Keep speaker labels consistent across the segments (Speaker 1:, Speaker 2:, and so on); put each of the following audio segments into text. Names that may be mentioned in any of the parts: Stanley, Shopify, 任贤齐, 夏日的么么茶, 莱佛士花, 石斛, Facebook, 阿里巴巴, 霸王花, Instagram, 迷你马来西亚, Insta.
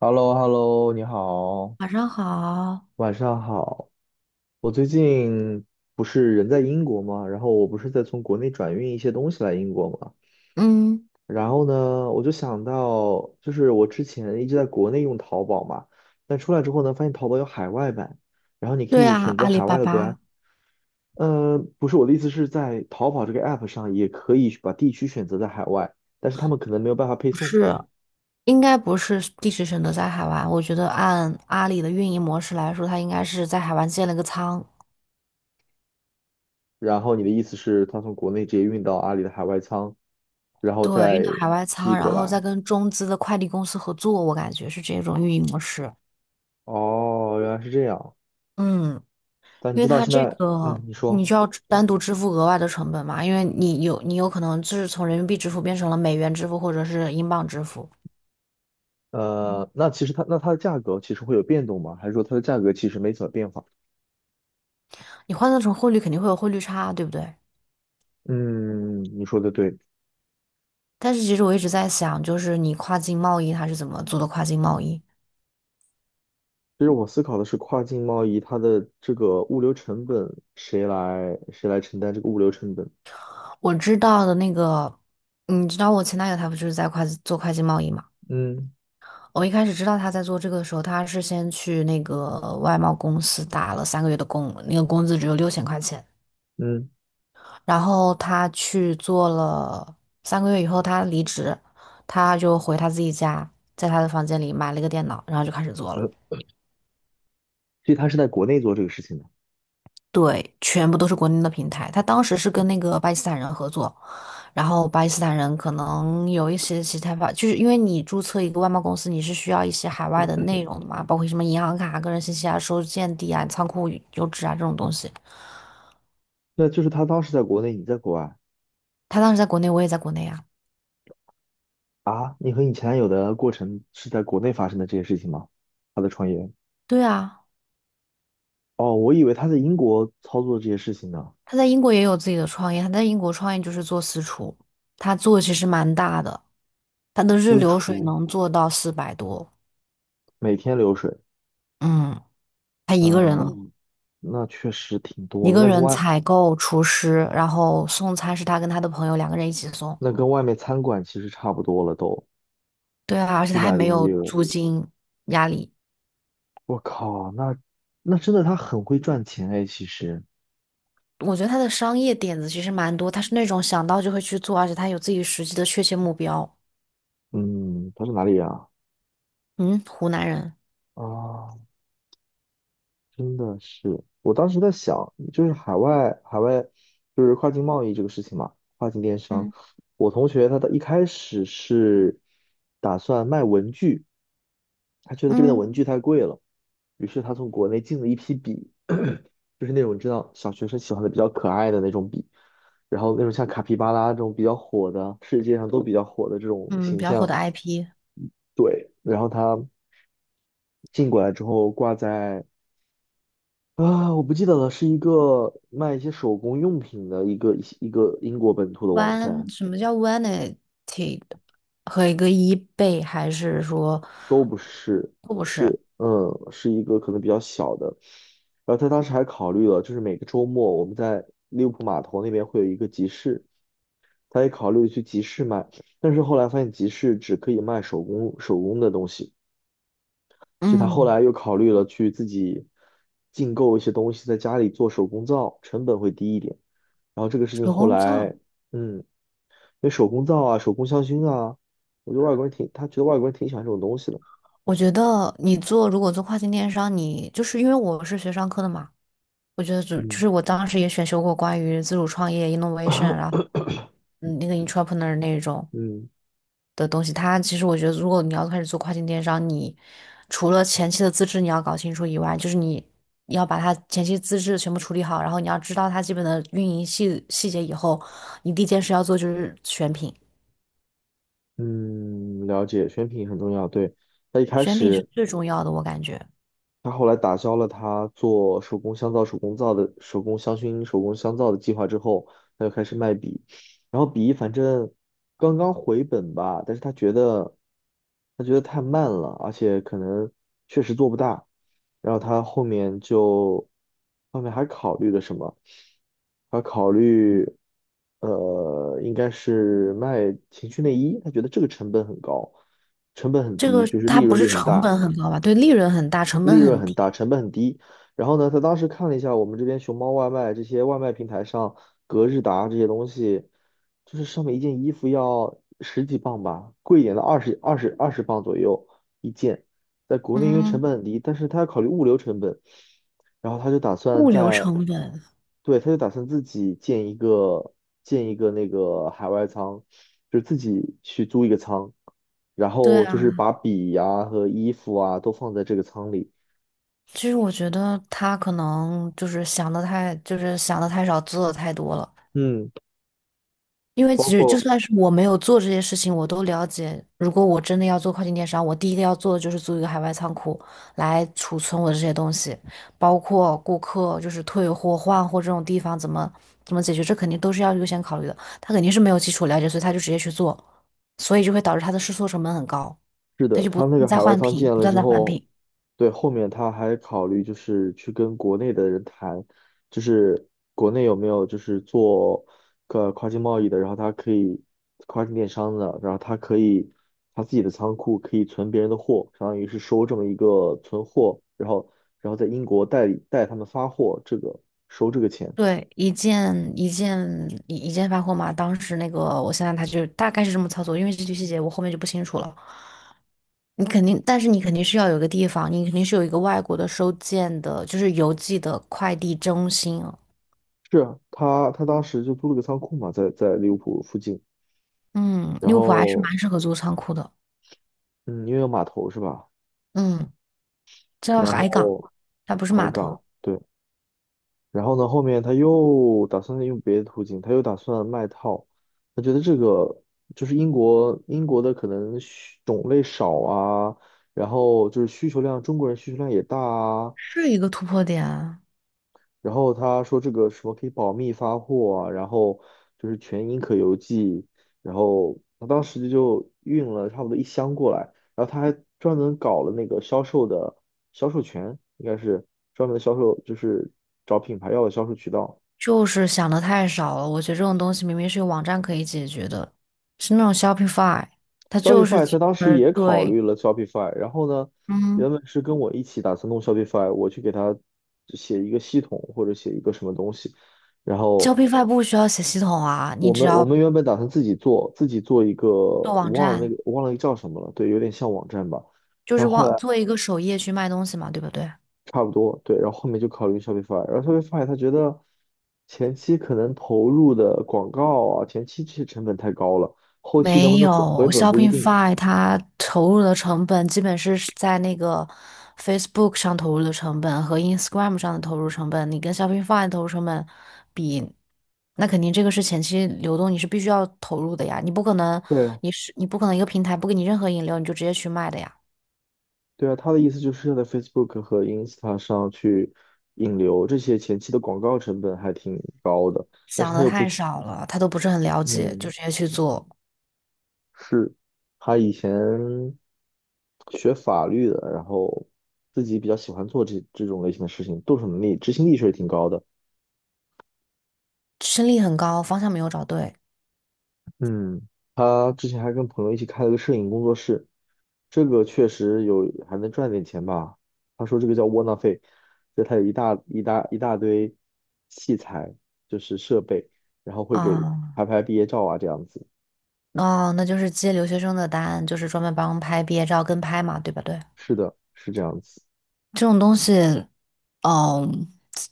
Speaker 1: h e l l o h e l l o 你好，
Speaker 2: 晚上好，
Speaker 1: 晚上好。我最近不是人在英国吗？然后我不是在从国内转运一些东西来英国吗？
Speaker 2: 嗯，
Speaker 1: 然后呢，我就想到，就是我之前一直在国内用淘宝嘛，但出来之后呢，发现淘宝有海外版，然后你可
Speaker 2: 对
Speaker 1: 以
Speaker 2: 啊，
Speaker 1: 选择
Speaker 2: 阿里
Speaker 1: 海
Speaker 2: 巴
Speaker 1: 外的国家。
Speaker 2: 巴
Speaker 1: 不是我的意思是在淘宝这个 app 上也可以把地区选择在海外，但是他们可能没有办法配
Speaker 2: 不
Speaker 1: 送。
Speaker 2: 是，应该不是地址选择在海外。我觉得按阿里的运营模式来说，它应该是在海外建了个仓，
Speaker 1: 然后你的意思是，他从国内直接运到阿里的海外仓，然后
Speaker 2: 对，运到
Speaker 1: 再
Speaker 2: 海外
Speaker 1: 寄
Speaker 2: 仓，然
Speaker 1: 过
Speaker 2: 后
Speaker 1: 来。
Speaker 2: 再跟中资的快递公司合作，我感觉是这种运营模式。
Speaker 1: 哦，原来是这样。
Speaker 2: 嗯，
Speaker 1: 但你
Speaker 2: 因为
Speaker 1: 知道
Speaker 2: 它
Speaker 1: 现
Speaker 2: 这
Speaker 1: 在，
Speaker 2: 个
Speaker 1: 嗯，你
Speaker 2: 你
Speaker 1: 说，
Speaker 2: 就要单独支付额外的成本嘛，因为你有可能就是从人民币支付变成了美元支付或者是英镑支付，
Speaker 1: 那其实它的价格其实会有变动吗？还是说它的价格其实没怎么变化？
Speaker 2: 你换算成汇率肯定会有汇率差啊，对不对？
Speaker 1: 嗯，你说的对。
Speaker 2: 但是其实我一直在想，就是你跨境贸易它是怎么做的跨境贸易？
Speaker 1: 其实我思考的是跨境贸易，它的这个物流成本谁来承担这个物流成本？
Speaker 2: 我知道的那个，你知道我前男友他不就是在跨境做跨境贸易嘛？
Speaker 1: 嗯
Speaker 2: 我一开始知道他在做这个的时候，他是先去那个外贸公司打了三个月的工，那个工资只有六千块钱。
Speaker 1: 嗯，
Speaker 2: 然后他去做了三个月以后，他离职，他就回他自己家，在他的房间里买了一个电脑，然后就开始做了。
Speaker 1: 呃，所以他是在国内做这个事情的。
Speaker 2: 对，全部都是国内的平台。他当时是
Speaker 1: 嗯，
Speaker 2: 跟那个巴基斯坦人合作，然后巴基斯坦人可能有一些其他法，就是因为你注册一个外贸公司，你是需要一些海外的内容的嘛，包括什么银行卡、个人信息啊、收件地啊、仓库邮址啊这种东西。
Speaker 1: 那就是他当时在国内，你在国外。
Speaker 2: 他当时在国内，我也在国内啊。
Speaker 1: 啊，你和你前男友的过程是在国内发生的这些事情吗？他的创业？
Speaker 2: 对啊，
Speaker 1: 哦，我以为他在英国操作这些事情呢。
Speaker 2: 他在英国也有自己的创业，他在英国创业就是做私厨，他做的其实蛮大的，他的日
Speaker 1: 私
Speaker 2: 流水
Speaker 1: 厨，
Speaker 2: 能做到四百多，
Speaker 1: 每天流水，
Speaker 2: 嗯，他一个人了。
Speaker 1: 嗯，那确实挺多
Speaker 2: 一
Speaker 1: 了。
Speaker 2: 个人采购厨师，然后送餐是他跟他的朋友两个人一起送。
Speaker 1: 那跟外面餐馆其实差不多了都，
Speaker 2: 对啊，而且
Speaker 1: 四
Speaker 2: 他还
Speaker 1: 百
Speaker 2: 没
Speaker 1: 零
Speaker 2: 有
Speaker 1: 六。
Speaker 2: 租金压力。
Speaker 1: 我靠，那真的他很会赚钱哎，其实，
Speaker 2: 我觉得他的商业点子其实蛮多，他是那种想到就会去做，而且他有自己实际的确切目标。
Speaker 1: 嗯，他是哪里人啊？
Speaker 2: 嗯，湖南人，
Speaker 1: 啊，真的是，我当时在想，就是海外就是跨境贸易这个事情嘛，跨境电商。
Speaker 2: 嗯
Speaker 1: 我同学他的一开始是打算卖文具，他觉得这边的
Speaker 2: 嗯
Speaker 1: 文具太贵了，于是他从国内进了一批笔，就是那种知道小学生喜欢的比较可爱的那种笔，然后那种像卡皮巴拉这种比较火的，世界上都比较火的这种
Speaker 2: 嗯，
Speaker 1: 形
Speaker 2: 比较火
Speaker 1: 象。
Speaker 2: 的 IP，
Speaker 1: 对，然后他进过来之后挂在啊，我不记得了，是一个卖一些手工用品的一个英国本土的网
Speaker 2: one
Speaker 1: 站，
Speaker 2: 什么叫 vanity 和一个一倍，还是说，
Speaker 1: 都不是，是嗯，是一个可能比较小的。然后他当时还考虑了，就是每个周末我们在利物浦码头那边会有一个集市，他也考虑去集市卖，但是后来发现集市只可以卖手工的东西，所以他后
Speaker 2: 嗯，
Speaker 1: 来又考虑了去自己进购一些东西，在家里做手工皂，成本会低一点。然后这个事情
Speaker 2: 手
Speaker 1: 后
Speaker 2: 工皂？
Speaker 1: 来。嗯，那手工皂啊、手工香薰啊，我觉得外国人挺，他觉得外国人挺喜欢这种东西的。
Speaker 2: 我觉得你做如果做跨境电商，你就是因为我是学商科的嘛，我觉得就就
Speaker 1: 嗯
Speaker 2: 是我当时也选修过关于自主创业 innovation，然后 那个 entrepreneur 那种
Speaker 1: 嗯
Speaker 2: 的东西。它其实我觉得，如果你要开始做跨境电商，你除了前期的资质你要搞清楚以外，就是你要把它前期资质全部处理好，然后你要知道它基本的运营细节以后，你第一件事要做就是选品，
Speaker 1: 嗯，了解，选品很重要。对，他一开
Speaker 2: 选品是
Speaker 1: 始。
Speaker 2: 最重要的，我感觉
Speaker 1: 他后来打消了他做手工香皂、手工皂的手工香薰、手工香皂的计划之后，他就开始卖笔，然后笔反正刚刚回本吧，但是他觉得太慢了，而且可能确实做不大，然后他后面就后面还考虑了什么？他考虑应该是卖情趣内衣，他觉得这个成本很高，成本很
Speaker 2: 这
Speaker 1: 低，
Speaker 2: 个
Speaker 1: 就是利
Speaker 2: 它不
Speaker 1: 润
Speaker 2: 是
Speaker 1: 率很
Speaker 2: 成
Speaker 1: 大。
Speaker 2: 本很高吧？对，利润很大，成本
Speaker 1: 利润
Speaker 2: 很
Speaker 1: 很
Speaker 2: 低，
Speaker 1: 大，成本很低。然后呢，他当时看了一下我们这边熊猫外卖这些外卖平台上，格日达这些东西，就是上面一件衣服要十几磅吧，贵一点的二十磅左右一件。在国内因为成
Speaker 2: 嗯，
Speaker 1: 本很低，但是他要考虑物流成本，然后他就打算
Speaker 2: 物流
Speaker 1: 在，
Speaker 2: 成本，
Speaker 1: 对，他就打算自己建一个那个海外仓，就是自己去租一个仓，然
Speaker 2: 对
Speaker 1: 后就是
Speaker 2: 啊，
Speaker 1: 把笔呀、和衣服啊都放在这个仓里。
Speaker 2: 其实我觉得他可能就是想的太少，做的太多了。
Speaker 1: 嗯，
Speaker 2: 因为
Speaker 1: 包
Speaker 2: 其实就
Speaker 1: 括
Speaker 2: 算是我没有做这些事情，我都了解。如果我真的要做跨境电商，我第一个要做的就是租一个海外仓库来储存我的这些东西，包括顾客就是退货、换货这种地方怎么解决，这肯定都是要优先考虑的。他肯定是没有基础了解，所以他就直接去做，所以就会导致他的试错成本很高，
Speaker 1: 是
Speaker 2: 他
Speaker 1: 的，
Speaker 2: 就不
Speaker 1: 他
Speaker 2: 断
Speaker 1: 那个
Speaker 2: 地在
Speaker 1: 海外
Speaker 2: 换
Speaker 1: 仓
Speaker 2: 品，
Speaker 1: 建
Speaker 2: 不
Speaker 1: 了
Speaker 2: 断
Speaker 1: 之
Speaker 2: 地在换
Speaker 1: 后，
Speaker 2: 品。
Speaker 1: 对，后面他还考虑就是去跟国内的人谈，就是国内有没有就是做个跨境贸易的，然后他可以跨境电商的，然后他可以他自己的仓库可以存别人的货，相当于是收这么一个存货，然后然后在英国代理代他们发货，这个收这个钱。
Speaker 2: 对，一件一件一件发货嘛。当时那个，我现在他就大概是这么操作，因为这些细节我后面就不清楚了。你肯定，但是你肯定是要有一个地方，你肯定是有一个外国的收件的，就是邮寄的快递中心啊。
Speaker 1: 是啊，他当时就租了个仓库嘛，在利物浦附近，
Speaker 2: 嗯，
Speaker 1: 然
Speaker 2: 利物浦还是
Speaker 1: 后
Speaker 2: 蛮适合做仓库的。
Speaker 1: 嗯，因为有码头是吧？
Speaker 2: 嗯，叫
Speaker 1: 然
Speaker 2: 海
Speaker 1: 后
Speaker 2: 港，它不是
Speaker 1: 海
Speaker 2: 码
Speaker 1: 港，
Speaker 2: 头，
Speaker 1: 对，然后呢，后面他又打算用别的途径，他又打算卖套。他觉得这个就是英国的可能需种类少啊，然后就是需求量，中国人需求量也大啊，
Speaker 2: 是一个突破点啊。
Speaker 1: 然后他说这个什么可以保密发货啊，然后就是全英可邮寄，然后他当时就运了差不多一箱过来，然后他还专门搞了那个销售的销售权，应该是专门的销售，就是找品牌要的销售渠道。
Speaker 2: 就是想的太少了，我觉得这种东西明明是有网站可以解决的，是那种 Shopify，它就是
Speaker 1: Shopify 他
Speaker 2: 专
Speaker 1: 当
Speaker 2: 门
Speaker 1: 时
Speaker 2: 儿
Speaker 1: 也考
Speaker 2: 对，
Speaker 1: 虑了 Shopify，然后呢，
Speaker 2: 嗯。
Speaker 1: 原本是跟我一起打算弄 Shopify，我去给他写一个系统或者写一个什么东西，然后。
Speaker 2: Shoppingify 不需要写系统啊，你
Speaker 1: 我
Speaker 2: 只
Speaker 1: 们我
Speaker 2: 要
Speaker 1: 们原本打算自己做，自己做一个，
Speaker 2: 做
Speaker 1: 我
Speaker 2: 网
Speaker 1: 忘了那
Speaker 2: 站，
Speaker 1: 个我忘了叫什么了，对，有点像网站吧。
Speaker 2: 就
Speaker 1: 然
Speaker 2: 是
Speaker 1: 后后
Speaker 2: 网
Speaker 1: 来
Speaker 2: 做一个首页去卖东西嘛，对不对？
Speaker 1: 差不多，对，然后后面就考虑 Shopify，然后 Shopify 他觉得前期可能投入的广告啊，前期这些成本太高了，后期能不
Speaker 2: 没
Speaker 1: 能回回
Speaker 2: 有
Speaker 1: 本不一定。
Speaker 2: ，Shopify 它投入的成本基本是在那个 Facebook 上投入的成本和 Instagram 上的投入成本，你跟 Shopify 的投入成本比，那肯定这个是前期流动，你是必须要投入的呀，你不可能，
Speaker 1: 对啊，
Speaker 2: 你不可能一个平台不给你任何引流，你就直接去卖的呀，
Speaker 1: 对啊，他的意思就是要在 Facebook 和 Insta 上去引流，这些前期的广告成本还挺高的，但是
Speaker 2: 想
Speaker 1: 他
Speaker 2: 的
Speaker 1: 又不
Speaker 2: 太
Speaker 1: 去，
Speaker 2: 少了，他都不是很了解，就
Speaker 1: 嗯。
Speaker 2: 直接去做。
Speaker 1: 是他以前学法律的，然后自己比较喜欢做这种类型的事情，动手能力、执行力确实挺高的。
Speaker 2: 胜率很高，方向没有找对
Speaker 1: 嗯他之前还跟朋友一起开了个摄影工作室，这个确实有还能赚点钱吧。他说这个叫窝囊废，就他有一大一大一大堆器材，就是设备，然后会给拍
Speaker 2: 啊。
Speaker 1: 拍毕业照啊这样子。
Speaker 2: 哦，那就是接留学生的单，就是专门帮拍毕业照跟拍嘛，对不对，
Speaker 1: 是的，是这样子。
Speaker 2: 这种东西，嗯，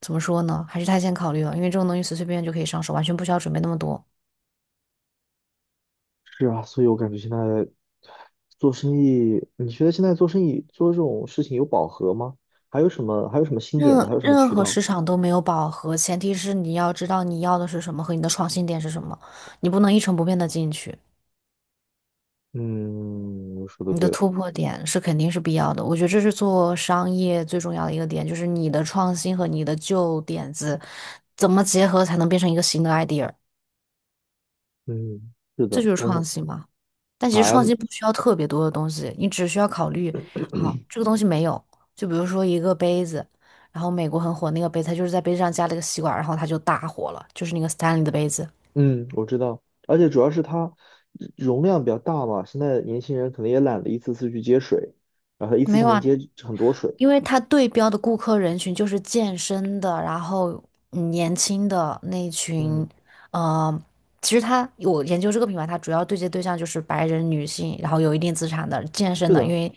Speaker 2: 怎么说呢？还是太先考虑了，因为这种东西随随便便就可以上手，完全不需要准备那么多。
Speaker 1: 是啊，所以我感觉现在做生意，你觉得现在做生意做这种事情有饱和吗？还有什么新点子？
Speaker 2: 任
Speaker 1: 还有什么
Speaker 2: 任
Speaker 1: 渠
Speaker 2: 何
Speaker 1: 道？
Speaker 2: 市场都没有饱和，前提是你要知道你要的是什么和你的创新点是什么，你不能一成不变的进去。
Speaker 1: 嗯，说的
Speaker 2: 你的
Speaker 1: 对，
Speaker 2: 突破点是肯定是必要的，我觉得这是做商业最重要的一个点，就是你的创新和你的旧点子怎么结合才能变成一个新的 idea，
Speaker 1: 嗯，是
Speaker 2: 这
Speaker 1: 的，
Speaker 2: 就是
Speaker 1: 但是
Speaker 2: 创新嘛。但其实
Speaker 1: 还
Speaker 2: 创新不需要特别多的东西，你只需要考虑，好，这个东西没有，就比如说一个杯子，然后美国很火那个杯子，它就是在杯子上加了一个吸管，然后它就大火了，就是那个 Stanley 的杯子。
Speaker 1: 嗯，我知道，而且主要是它容量比较大嘛，现在年轻人可能也懒得一次次去接水，然后一次
Speaker 2: 没
Speaker 1: 性
Speaker 2: 有
Speaker 1: 能
Speaker 2: 啊，
Speaker 1: 接很多水。
Speaker 2: 因为它对标的顾客人群就是健身的，然后嗯年轻的那一群，
Speaker 1: 嗯，
Speaker 2: 呃，其实它我研究这个品牌，它主要对接对象就是白人女性，然后有一定资产的健身
Speaker 1: 是
Speaker 2: 的，因
Speaker 1: 的，
Speaker 2: 为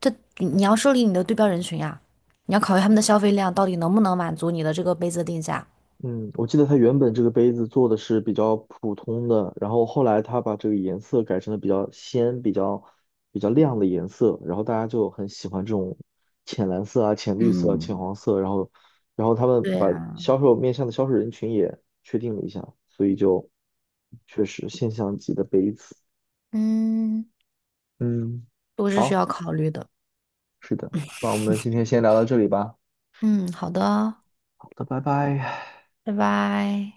Speaker 2: 这你要设立你的对标人群呀，你要考虑他们的消费量到底能不能满足你的这个杯子定价。
Speaker 1: 嗯，我记得它原本这个杯子做的是比较普通的，然后后来它把这个颜色改成了比较鲜、比较亮的颜色，然后大家就很喜欢这种浅蓝色啊、浅绿色啊浅
Speaker 2: 嗯，
Speaker 1: 黄色，然后然后他们
Speaker 2: 对
Speaker 1: 把
Speaker 2: 呀，
Speaker 1: 销售面向的销售人群也确定了一下，所以就确实现象级的杯子。
Speaker 2: 嗯，
Speaker 1: 嗯，
Speaker 2: 都是需
Speaker 1: 好，
Speaker 2: 要考虑的。
Speaker 1: 是的，那我们今天先聊到这里吧。
Speaker 2: 嗯，好的，
Speaker 1: 好的，拜拜。
Speaker 2: 拜拜。